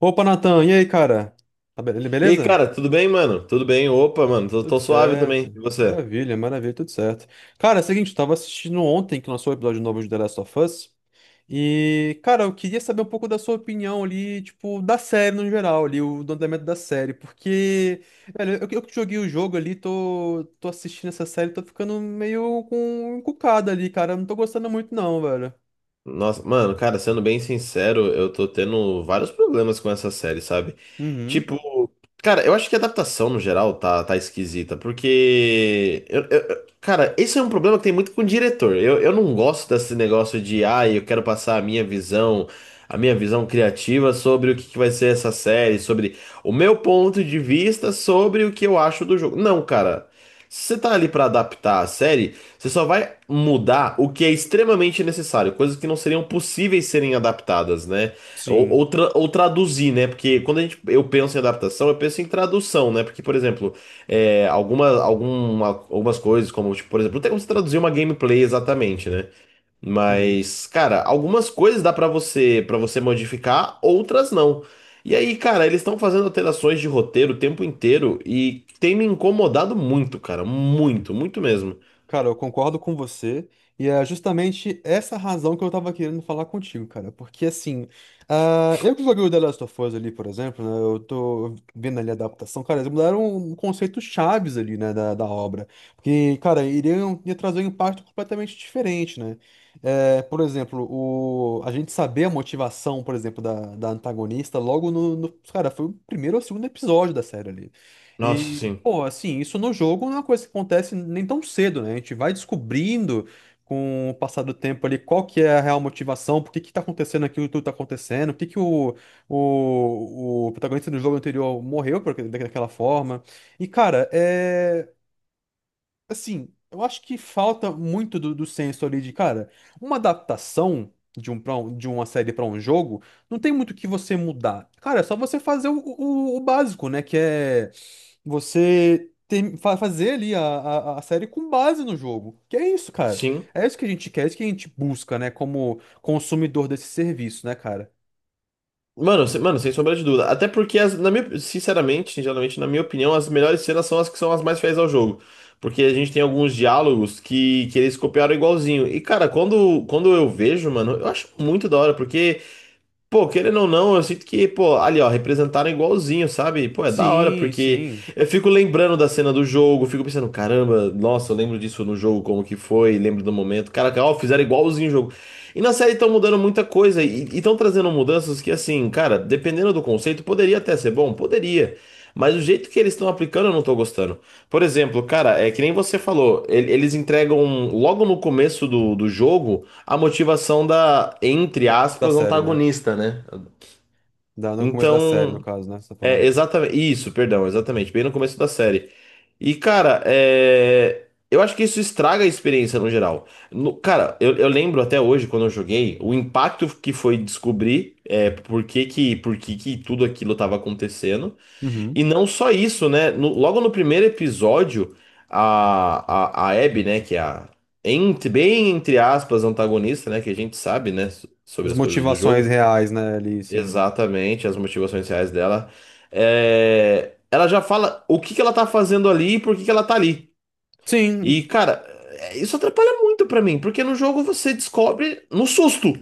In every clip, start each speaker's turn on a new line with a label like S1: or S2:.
S1: Opa, Natan, e aí, cara? Tá be-
S2: E aí,
S1: beleza?
S2: cara, tudo bem, mano? Tudo bem? Opa, mano, tô,
S1: Tudo
S2: tô suave também.
S1: certo.
S2: E você?
S1: Maravilha, maravilha, tudo certo. Cara, é o seguinte, eu tava assistindo ontem que lançou o episódio novo de The Last of Us. E, cara, eu queria saber um pouco da sua opinião ali, tipo, da série no geral, ali, o do andamento da série. Porque, velho, eu que joguei o jogo ali, tô assistindo essa série, tô ficando meio com encucada ali, cara. Eu não tô gostando muito, não, velho.
S2: Nossa, mano, cara, sendo bem sincero, eu tô tendo vários problemas com essa série, sabe?
S1: Uhum.
S2: Tipo, cara, eu acho que a adaptação no geral tá esquisita, porque. Eu- cara, esse é um problema que tem muito com o diretor. Eu não gosto desse negócio de, ah, eu quero passar a minha visão criativa sobre o que que vai ser essa série, sobre o meu ponto de vista sobre o que eu acho do jogo. Não, cara. Se você tá ali pra adaptar a série. Você só vai mudar o que é extremamente necessário, coisas que não seriam possíveis serem adaptadas, né? Ou,
S1: Sim.
S2: ou, tra- ou traduzir, né? Porque quando a gente, eu penso em adaptação, eu penso em tradução, né? Porque, por exemplo, é, algumas coisas, como, tipo, por exemplo, não tem como você traduzir uma gameplay exatamente, né?
S1: Uhum.
S2: Mas, cara, algumas coisas dá pra você modificar, outras não. E aí, cara, eles estão fazendo alterações de roteiro o tempo inteiro e tem me incomodado muito, cara, muito, muito mesmo.
S1: Cara, eu concordo com você, e é justamente essa razão que eu tava querendo falar contigo, cara. Porque assim, ah, eu que joguei o The Last of Us ali, por exemplo, né? Eu tô vendo ali a adaptação, cara, eles mudaram conceitos chaves ali, né, da obra. Porque, cara, iriam ia trazer um impacto completamente diferente, né? É, por exemplo, o, a gente saber a motivação, por exemplo, da antagonista logo no Cara, foi o primeiro ou segundo episódio da série ali.
S2: Nossa,
S1: E,
S2: sim.
S1: pô, assim, isso no jogo não é uma coisa que acontece nem tão cedo, né? A gente vai descobrindo com o passar do tempo ali qual que é a real motivação, por que que tá acontecendo aquilo que tudo tá acontecendo, por que que o protagonista do jogo anterior morreu por, daquela forma. E, cara, é. Assim, eu acho que falta muito do senso ali de, cara, uma adaptação de de uma série pra um jogo, não tem muito o que você mudar. Cara, é só você fazer o básico, né? Que é fazer ali a, a série com base no jogo. Que é isso, cara.
S2: Sim.
S1: É isso que a gente quer, é isso que a gente busca, né? Como consumidor desse serviço, né, cara?
S2: Mano, sem sombra de dúvida. Até porque, na minha, sinceramente, geralmente na minha opinião, as melhores cenas são as que são as mais fiéis ao jogo. Porque a gente tem alguns diálogos que eles copiaram igualzinho. E, cara, quando eu vejo, mano, eu acho muito da hora, porque. Pô, querendo ou não, eu sinto que, pô, ali, ó, representaram igualzinho, sabe? Pô, é da hora,
S1: Sim,
S2: porque
S1: sim.
S2: eu fico lembrando da cena do jogo, fico pensando, caramba, nossa, eu lembro disso no jogo, como que foi, lembro do momento. Caraca, ó, fizeram igualzinho o jogo. E na série estão mudando muita coisa, e estão trazendo mudanças que, assim, cara, dependendo do conceito, poderia até ser bom, poderia. Mas o jeito que eles estão aplicando, eu não tô gostando. Por exemplo, cara, é que nem você falou, eles entregam logo no começo do jogo a motivação da, entre
S1: Da
S2: aspas,
S1: série, né?
S2: antagonista, né?
S1: Da, no começo da série, no
S2: Então,
S1: caso, né? Você tá
S2: é
S1: falando.
S2: exatamente isso, perdão, exatamente, bem no começo da série. E, cara, é, eu acho que isso estraga a experiência no geral. Cara, eu lembro até hoje, quando eu joguei, o impacto que foi descobrir é, por que que tudo aquilo estava acontecendo.
S1: Uhum.
S2: E não só isso, né? Logo no primeiro episódio, a Abby, né, que é a, entre- bem entre aspas, antagonista, né, que a gente sabe, né, sobre
S1: As
S2: as coisas do
S1: motivações
S2: jogo,
S1: reais, né, ali, sim.
S2: exatamente, as motivações reais dela, é, ela já fala o que que ela tá fazendo ali e por que que ela tá ali. E,
S1: Sim,
S2: cara, é, isso atrapalha muito pra mim, porque no jogo você descobre no susto,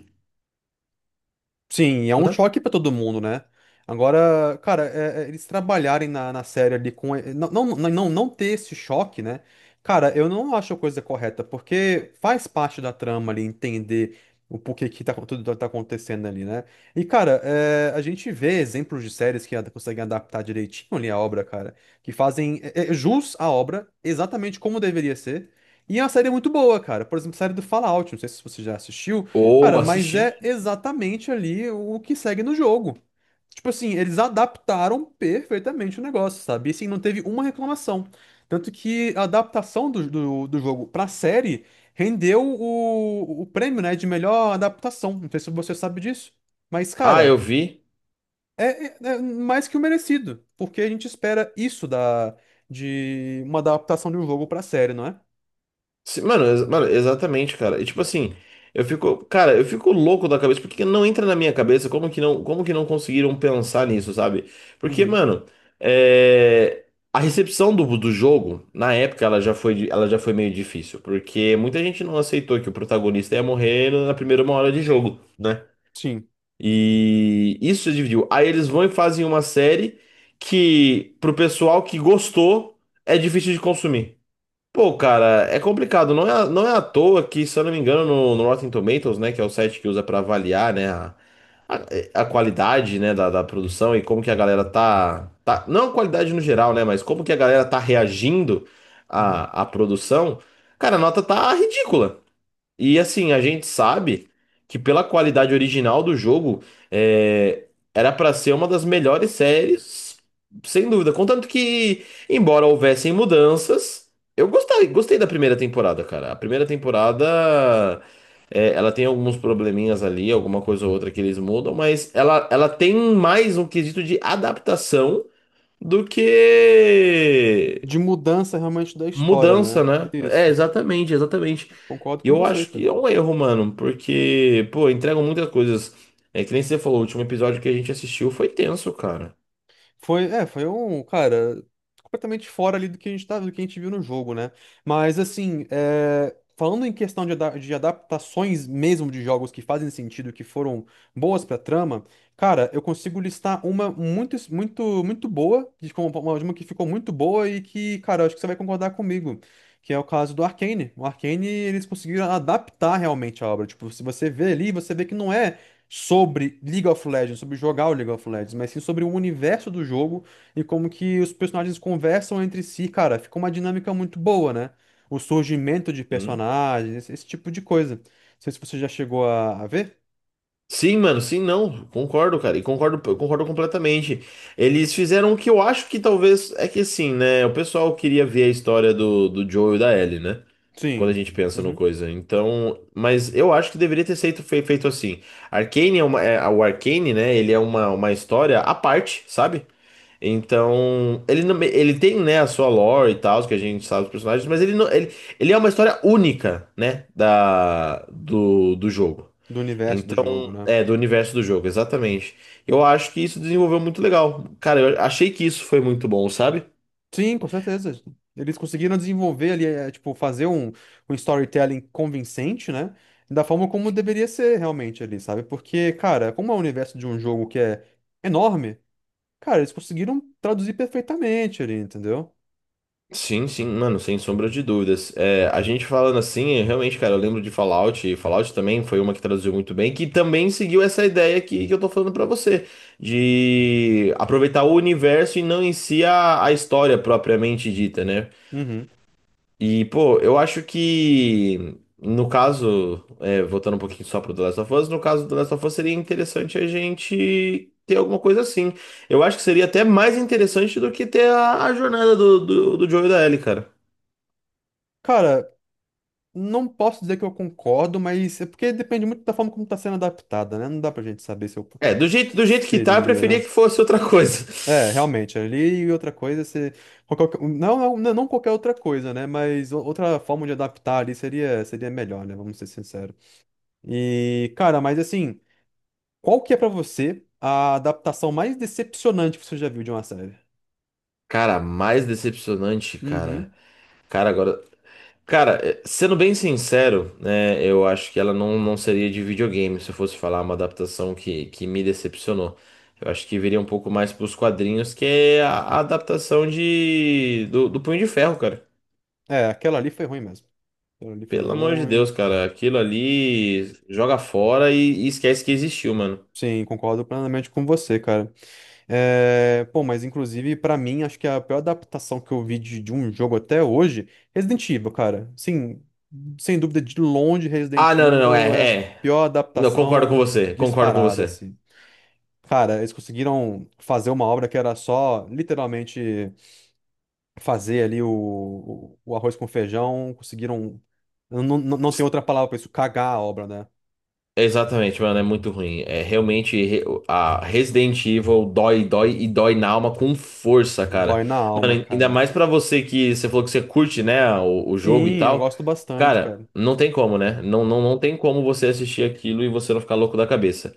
S1: sim, é um
S2: né?
S1: choque pra todo mundo, né? Agora, cara, é, eles trabalharem na, na série ali com. Não, não, não, não ter esse choque, né? Cara, eu não acho a coisa correta, porque faz parte da trama ali entender o porquê que tá, tudo tá acontecendo ali, né? E, cara, é, a gente vê exemplos de séries que conseguem adaptar direitinho ali a obra, cara, que fazem jus à obra exatamente como deveria ser. E é uma série muito boa, cara. Por exemplo, a série do Fallout, não sei se você já assistiu.
S2: Ou
S1: Cara, mas
S2: assistindo.
S1: é exatamente ali o que segue no jogo. Tipo assim, eles adaptaram perfeitamente o negócio, sabe? E assim, não teve uma reclamação. Tanto que a adaptação do jogo pra série rendeu o prêmio, né, de melhor adaptação. Não sei se você sabe disso. Mas,
S2: Ah,
S1: cara,
S2: eu vi.
S1: é mais que o merecido. Porque a gente espera isso da, de uma adaptação de um jogo pra série, não é?
S2: Sim, mano, exatamente, cara. E tipo assim, eu fico, cara, eu fico louco da cabeça, porque não entra na minha cabeça como que não conseguiram pensar nisso, sabe? Porque,
S1: Uhum.
S2: mano, é, a recepção do, do jogo, na época, ela já foi, ela já foi meio difícil, porque muita gente não aceitou que o protagonista ia morrer na primeira uma hora de jogo, né?
S1: Sim.
S2: E isso dividiu. Aí eles vão e fazem uma série que, pro pessoal que gostou, é difícil de consumir. Pô, cara, é complicado. Não é à toa que, se eu não me engano, no Rotten Tomatoes, né, que é o site que usa pra avaliar, né, a qualidade, né, da produção e como que a galera tá. Não a qualidade no geral, né, mas como que a galera tá reagindo
S1: Uhum.
S2: à produção, cara, a nota tá ridícula. E assim, a gente sabe que pela qualidade original do jogo, é, era pra ser uma das melhores séries, sem dúvida. Contanto que, embora houvessem mudanças, eu gostei, gostei da primeira temporada, cara. A primeira temporada, é, ela tem alguns probleminhas ali, alguma coisa ou outra que eles mudam, mas ela tem mais um quesito de adaptação do que
S1: De mudança realmente da história,
S2: Mudança,
S1: né?
S2: né? É,
S1: Isso.
S2: exatamente, exatamente.
S1: Concordo
S2: E
S1: com
S2: eu
S1: você,
S2: acho
S1: cara.
S2: que é um erro, mano, porque, pô, entregam muitas coisas. É que nem você falou, o último episódio que a gente assistiu foi tenso, cara.
S1: Foi, é, foi um, cara, completamente fora ali do que a gente tá, do que a gente viu no jogo, né? Mas assim, é, falando em questão de, de adaptações mesmo de jogos que fazem sentido, que foram boas pra trama, cara, eu consigo listar uma muito, muito, muito boa, de uma, de uma que ficou muito boa e que, cara, eu acho que você vai concordar comigo. Que é o caso do Arcane. O Arcane, eles conseguiram adaptar realmente a obra. Tipo, se você vê ali, você vê que não é sobre League of Legends, sobre jogar o League of Legends, mas sim sobre o universo do jogo e como que os personagens conversam entre si, cara, fica uma dinâmica muito boa, né? O surgimento de
S2: Hum.
S1: personagens, esse tipo de coisa. Não sei se você já chegou a ver.
S2: Sim, mano, sim, não, concordo, cara, e concordo, eu concordo completamente. Eles fizeram o que eu acho que talvez, é que assim, né, o pessoal queria ver a história do Joe e da Ellie, né? Quando a
S1: Sim.
S2: gente pensa no
S1: Uhum.
S2: coisa. Então, mas eu acho que deveria ter feito, feito assim. Arcane é uma, o Arcane, né? Ele é uma história à parte, sabe? Então, ele não, ele tem, né, a sua lore e tal, que a gente sabe os personagens, mas ele não, ele é uma história única, né, da, do jogo.
S1: Do universo do
S2: Então,
S1: jogo, né?
S2: é, do universo do jogo, exatamente. Eu acho que isso desenvolveu muito legal. Cara, eu achei que isso foi muito bom, sabe?
S1: Sim, com certeza. Eles conseguiram desenvolver ali, eh, tipo, fazer um, um storytelling convincente, né? Da forma como deveria ser realmente ali, sabe? Porque, cara, como é o universo de um jogo que é enorme, cara, eles conseguiram traduzir perfeitamente ali, entendeu?
S2: Sim, sim, mano, sem sombra de dúvidas. É, a gente falando assim, realmente, cara, eu lembro de Fallout, e Fallout também foi uma que traduziu muito bem, que também seguiu essa ideia que eu tô falando pra você, de aproveitar o universo e não em si a história propriamente dita, né?
S1: Uhum.
S2: E, pô, eu acho que, no caso, é, voltando um pouquinho só pro The Last of Us, no caso do The Last of Us seria interessante a gente ter alguma coisa assim. Eu acho que seria até mais interessante do que ter a jornada do Joel e da Ellie, cara.
S1: Cara, não posso dizer que eu concordo, mas é porque depende muito da forma como tá sendo adaptada, né? Não dá pra gente saber se eu
S2: É, do jeito que tá, eu
S1: seria,
S2: preferia
S1: né?
S2: que fosse outra coisa.
S1: É, realmente, ali e outra coisa, se... não, não, não qualquer outra coisa, né? Mas outra forma de adaptar ali seria, seria melhor, né? Vamos ser sinceros. E, cara, mas assim, qual que é pra você a adaptação mais decepcionante que você já viu de uma série?
S2: Cara, mais decepcionante, cara.
S1: Uhum.
S2: Cara, agora. Cara, eh, sendo bem sincero, né, eu acho que ela não, não seria de videogame se eu fosse falar uma adaptação que me decepcionou. Eu acho que viria um pouco mais pros quadrinhos, que é a adaptação de do Punho de Ferro, cara.
S1: É, aquela ali foi ruim mesmo. Aquilo ali foi
S2: Pelo amor de
S1: ruim.
S2: Deus, cara, aquilo ali joga fora e esquece que existiu, mano.
S1: Sim, concordo plenamente com você, cara. É, pô, mas inclusive, pra mim, acho que a pior adaptação que eu vi de um jogo até hoje, Resident Evil, cara. Sim, sem dúvida, de longe,
S2: Ah,
S1: Resident
S2: não,
S1: Evil é a
S2: é, é.
S1: pior
S2: Não, concordo com
S1: adaptação
S2: você, concordo com
S1: disparada,
S2: você.
S1: assim. Cara, eles conseguiram fazer uma obra que era só, literalmente, fazer ali o arroz com feijão, conseguiram. Não, não, não tem outra palavra pra isso, cagar a obra, né?
S2: Exatamente, mano, é muito ruim. É realmente a Resident Evil dói, dói e dói na alma com força, cara.
S1: Dói na alma,
S2: Mano, ainda
S1: cara.
S2: mais pra você que você falou que você curte, né, o jogo e
S1: Sim, eu
S2: tal.
S1: gosto bastante,
S2: Cara,
S1: cara.
S2: não tem como, né? Não tem como você assistir aquilo e você não ficar louco da cabeça.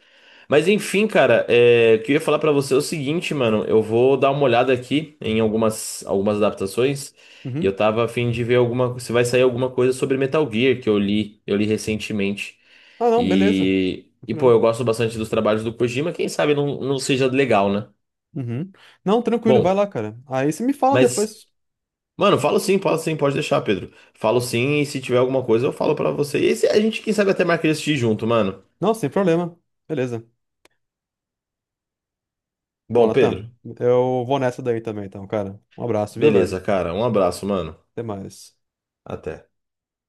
S2: Mas enfim, cara, é, o que eu ia falar pra você é o seguinte, mano. Eu vou dar uma olhada aqui em algumas adaptações e eu
S1: Uhum.
S2: tava a fim de ver alguma, se vai sair alguma coisa sobre Metal Gear que eu li recentemente.
S1: Ah, não, beleza.
S2: E,
S1: Não
S2: e pô,
S1: problema.
S2: eu gosto bastante dos trabalhos do Kojima, quem sabe não seja legal, né?
S1: Uhum. Não, tranquilo, vai
S2: Bom,
S1: lá, cara. Aí você me fala
S2: mas,
S1: depois.
S2: mano, falo sim, pode deixar, Pedro. Falo sim, e se tiver alguma coisa, eu falo pra você. A gente, quem sabe, até marca de assistir junto, mano.
S1: Não, sem problema. Beleza. Bom,
S2: Bom,
S1: Natan,
S2: Pedro,
S1: eu vou nessa daí também, então, cara. Um abraço, viu, velho?
S2: beleza, cara. Um abraço, mano.
S1: Até mais.
S2: Até.